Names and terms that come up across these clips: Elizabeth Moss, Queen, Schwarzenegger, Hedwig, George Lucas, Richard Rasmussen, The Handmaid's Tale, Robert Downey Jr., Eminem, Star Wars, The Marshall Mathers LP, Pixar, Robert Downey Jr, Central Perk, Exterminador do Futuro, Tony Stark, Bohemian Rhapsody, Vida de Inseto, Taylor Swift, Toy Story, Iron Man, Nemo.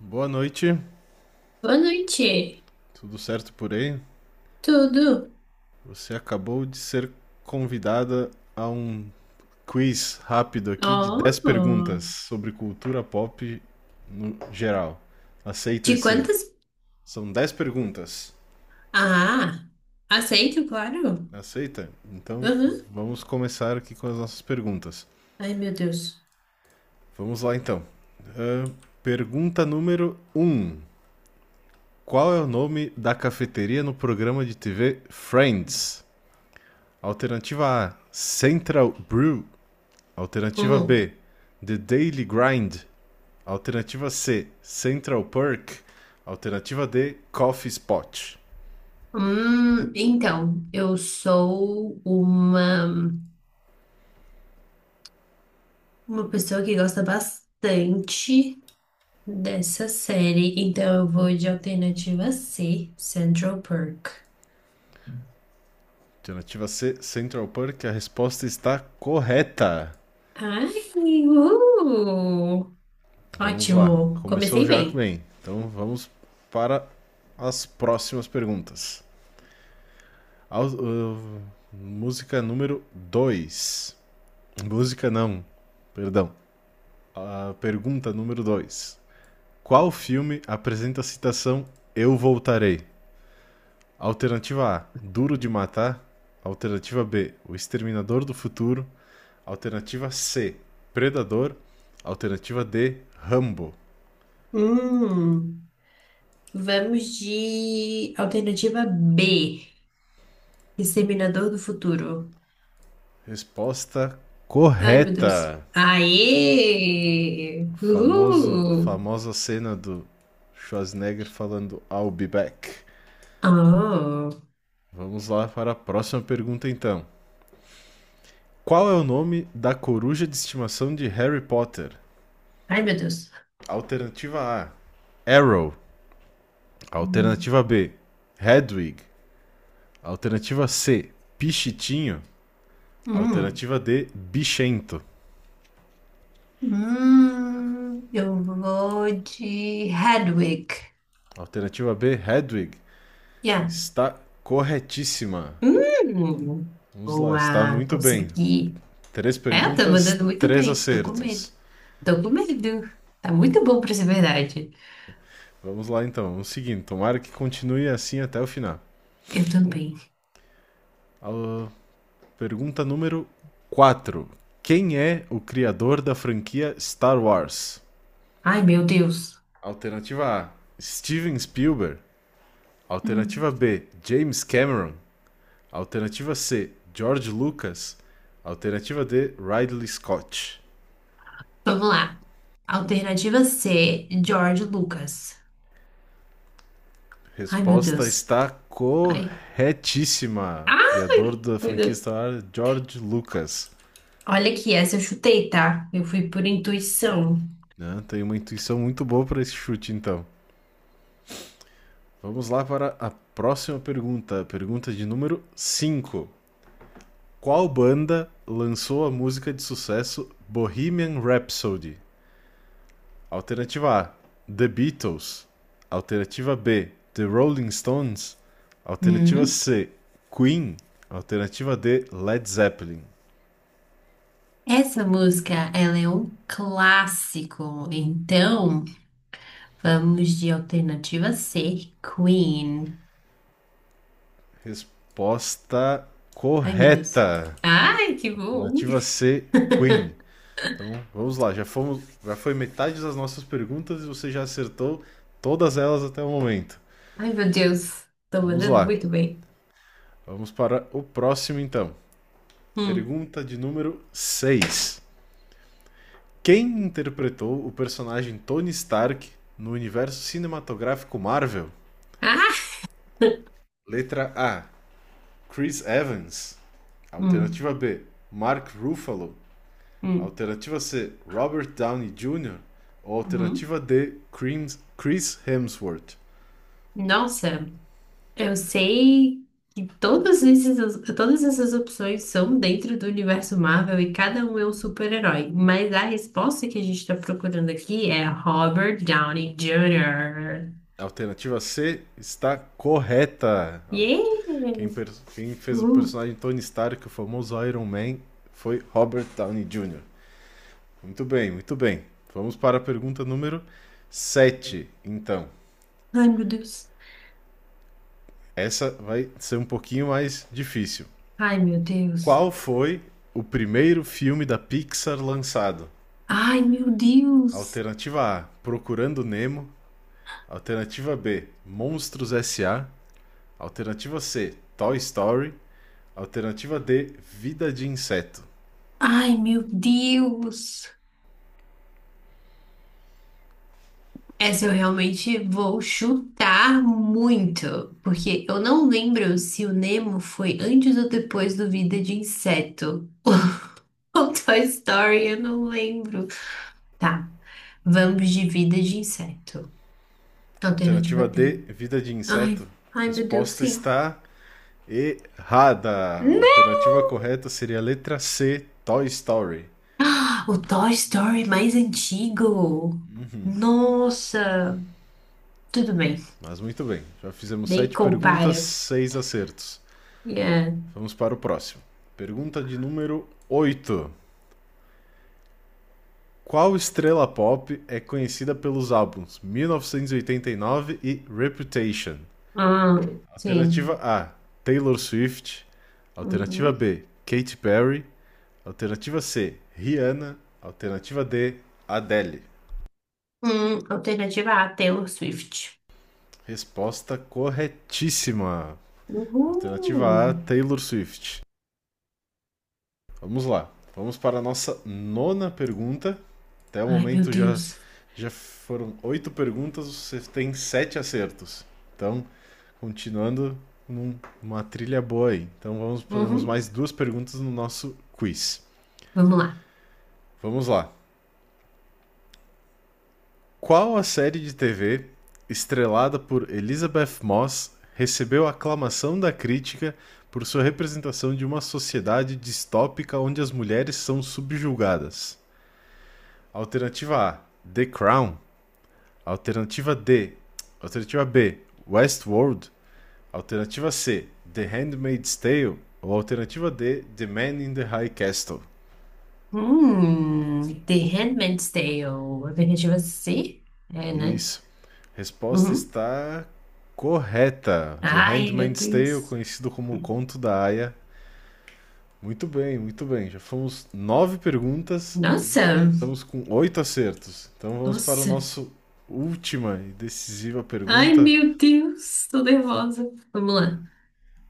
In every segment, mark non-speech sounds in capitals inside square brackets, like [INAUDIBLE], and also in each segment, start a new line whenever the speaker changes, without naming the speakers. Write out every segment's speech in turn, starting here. Boa noite,
Boa noite.
tudo certo por aí?
Tudo?
Você acabou de ser convidada a um quiz rápido aqui de 10 perguntas
Oh,
sobre cultura pop no geral. Aceita
de
esse?
quantas?
São 10 perguntas.
Ah, aceito, claro.
Aceita? Então
Uhum.
vamos começar aqui com as nossas perguntas.
Ai, meu Deus.
Vamos lá então. Ahn, pergunta número um: Qual é o nome da cafeteria no programa de TV Friends? Alternativa A: Central Brew. Alternativa
Hum.
B, The Daily Grind. Alternativa C, Central Perk. Alternativa D, Coffee Spot.
Então, eu sou uma pessoa que gosta bastante dessa série, então eu vou de alternativa C, Central Perk.
Alternativa C, Central Perk. A resposta está correta.
Ai, uh,
Vamos lá.
ótimo.
Começou
Comecei
já
bem.
bem. Então vamos para as próximas perguntas. Au- uh, música número 2. Música não, perdão. A pergunta número 2. Qual filme apresenta a citação Eu Voltarei? Alternativa A, Duro de Matar. Alternativa B, O Exterminador do Futuro. Alternativa C, Predador. Alternativa D, Rambo.
Hum. Vamos de alternativa B, Exterminador do Futuro.
Resposta
Ai, meu Deus.
correta.
Aê!
O famoso,
Uhul!
famosa cena do Schwarzenegger falando I'll be back.
Oh.
Vamos lá para a próxima pergunta então. Qual é o nome da coruja de estimação de Harry Potter?
Ai, meu Deus.
Alternativa A, Arrow.
Hum.
Alternativa B, Hedwig. Alternativa C, Pichitinho.
Hum.
Alternativa D, Bichento.
Hum. Eu vou de Hedwig.
Alternativa B, Hedwig.
Yeah.
Está corretíssima.
Hum.
Vamos lá, está
Boa,
muito bem.
consegui.
Três
É, tá
perguntas,
mandando muito
três
bem. Tô com medo.
acertos.
Tô com medo. Tá muito bom pra ser verdade.
Vamos lá então, vamos seguindo. Tomara que continue assim até o final.
Eu também.
A pergunta número 4. Quem é o criador da franquia Star Wars?
Ai, meu Deus.
Alternativa A, Steven Spielberg. Alternativa B, James Cameron. Alternativa C, George Lucas. Alternativa D, Ridley Scott.
Vamos lá. Alternativa C, George Lucas. Ai, meu
Resposta
Deus.
está
Ai.
corretíssima. Criador
Ai,
da
coisa.
franquia Star Wars, George Lucas.
Olha aqui, essa eu chutei, tá? Eu fui por intuição.
Né? Tem uma intuição muito boa para esse chute, então. Vamos lá para a próxima pergunta. Pergunta de número 5. Qual banda lançou a música de sucesso Bohemian Rhapsody? Alternativa A, The Beatles. Alternativa B, The Rolling Stones. Alternativa
Hum,
C, Queen. Alternativa D, Led Zeppelin.
Essa música, ela é um clássico. Então, vamos de alternativa C, Queen.
Resposta
Ai, meu Deus.
correta.
Ai, que bom.
Alternativa C, Queen. Então, vamos lá, já fomos, já foi metade das nossas perguntas e você já acertou todas elas até o momento.
Ai, meu Deus. Tô
Vamos
mandando
lá.
muito bem.
Vamos para o próximo então.
Hum.
Pergunta de número 6. Quem interpretou o personagem Tony Stark no universo cinematográfico Marvel?
Ah!
Letra A: Chris Evans.
Hum,
Alternativa B: Mark Ruffalo.
hum,
Alternativa C: Robert Downey Jr. Ou
hum.
alternativa D: Chris- Hemsworth.
Nossa. Eu sei que todas esses, todas essas opções são dentro do universo Marvel e cada um é um super-herói, mas a resposta que a gente está procurando aqui é Robert Downey Jr.
Alternativa C está correta.
Yeah!
Quem, quem fez o
Uh,
personagem Tony Stark, o famoso Iron Man, foi Robert Downey Jr. Muito bem, muito bem. Vamos para a pergunta número 7 então.
ai, meu Deus.
Essa vai ser um pouquinho mais difícil.
Ai, meu Deus.
Qual foi o primeiro filme da Pixar lançado?
Ai, meu Deus.
Alternativa A: Procurando Nemo. Alternativa B: Monstros S A. Alternativa C: Toy Story. Alternativa D: Vida de Inseto.
Ai, meu Deus. Essa eu realmente vou chutar muito, porque eu não lembro se o Nemo foi antes ou depois do Vida de Inseto. [LAUGHS] [LAUGHS] Com Toy Story, eu não lembro. Tá. Vamos de vida de inseto. Alternativa
Alternativa
D.
D: Vida de
Ai,
Inseto.
ai, meu Deus,
Resposta
sim.
está errada! A
Né? [GASPS]
alternativa correta seria a letra C, Toy Story.
Ah, o Toy Story mais antigo. Nossa. Tudo bem.
Mas muito bem, já fizemos
Nem
sete perguntas,
compara.
seis acertos.
Yeah.
Vamos para o próximo. Pergunta de número 8. Qual estrela pop é conhecida pelos álbuns 1989 e 89 e Reputation?
Ah, sim.
Alternativa A, Taylor Swift. Alternativa
Uhum.
B, Katy Perry. Alternativa C, Rihanna. Alternativa D, Adele.
Alternativa A, Taylor Swift.
Resposta corretíssima.
Uhul.
Alternativa A, Taylor Swift. Vamos lá. Vamos para a nossa nona pergunta. Até o
Ai, meu
momento já,
Deus.
já foram oito perguntas, você tem sete acertos. Então, continuando numa trilha boa aí. Então, vamos, podemos
Uhum.
mais duas perguntas no nosso quiz.
Vamos lá.
Vamos lá. Qual a série de TV, estrelada por Elizabeth Moss, recebeu aclamação da crítica por sua representação de uma sociedade distópica onde as mulheres são subjugadas? Alternativa A: The Crown. Alternativa D. Alternativa B: Westworld. Alternativa C: The Handmaid's Tale. Ou alternativa D: The Man in the High Castle.
The Handmaid's Tale. A Vingativa C? É, né?
Isso. Resposta
Uhum.
está correta. De
Ai, meu
Handmaid's Tale,
Deus.
conhecido como O Conto da Aia. Muito bem, muito bem. Já fomos nove perguntas e já
Nossa,
estamos com oito acertos. Então vamos para o
nossa.
nosso última e decisiva
Ai,
pergunta.
meu Deus, tô nervosa. Vamos lá.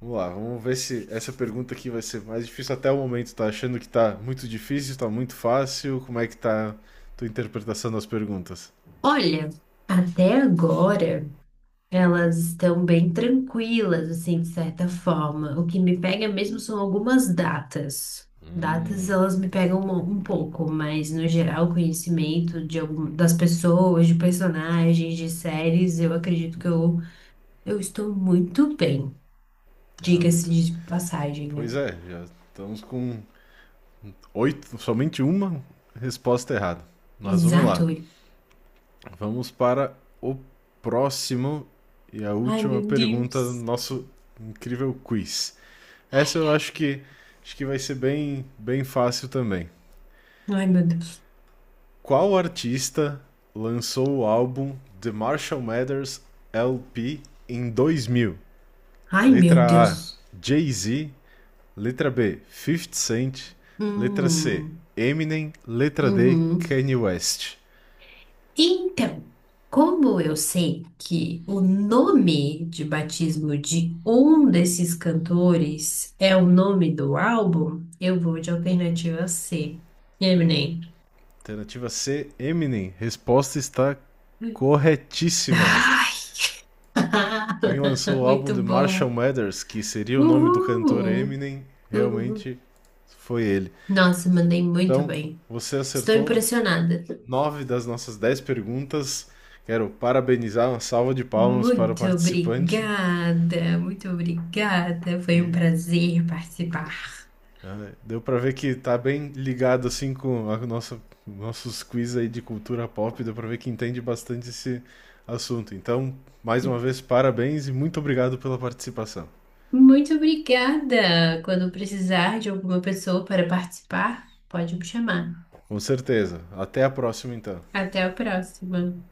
Vamos lá, vamos ver se essa pergunta aqui vai ser mais difícil até o momento. Tá achando que tá muito difícil, tá muito fácil? Como é que tá a tua interpretação das perguntas?
Olha, até agora. Elas estão bem tranquilas, assim, de certa forma. O que me pega mesmo são algumas datas. Datas, elas me pegam um pouco, mas no geral, conhecimento de algum, das pessoas, de personagens, de séries, eu acredito que eu estou muito bem.
Ah,
Diga-se
muito.
de passagem,
Pois
né?
é, já estamos com oito, somente uma resposta errada. Mas vamos lá.
Exato.
Vamos para o próximo e a
Ai,
última
meu
pergunta do
Deus.
nosso incrível quiz. Essa eu acho que vai ser bem bem fácil também.
Ai, meu Deus.
Qual artista lançou o álbum The Marshall Mathers LP em 2000?
Ai, meu
Letra A,
Deus.
Jay-Z, letra B, 50 Cent, letra C,
Hum,
Eminem, letra D,
uhum.
Kanye West.
Então, como eu sei que o nome de batismo de um desses cantores é o nome do álbum, eu vou de alternativa C. Eminem.
Alternativa C, Eminem. Resposta está corretíssima.
Ai!
Quem lançou
[LAUGHS]
o álbum
Muito
de Marshall
bom.
Mathers, que seria o nome do cantor
Uhul.
Eminem,
Uhul.
realmente foi ele.
Nossa, mandei muito
Então,
bem.
você
Estou
acertou
impressionada.
nove das nossas 10 perguntas. Quero parabenizar, uma salva de palmas para o
Muito
participante.
obrigada, muito obrigada. Foi um
E
prazer participar.
Deu pra ver que tá bem ligado assim com a nossos quiz aí de cultura pop, deu pra ver que entende bastante esse assunto. Então, mais uma vez, parabéns e muito obrigado pela participação.
Muito obrigada. Quando precisar de alguma pessoa para participar, pode me chamar.
Com certeza. Até a próxima, então.
Até a próxima.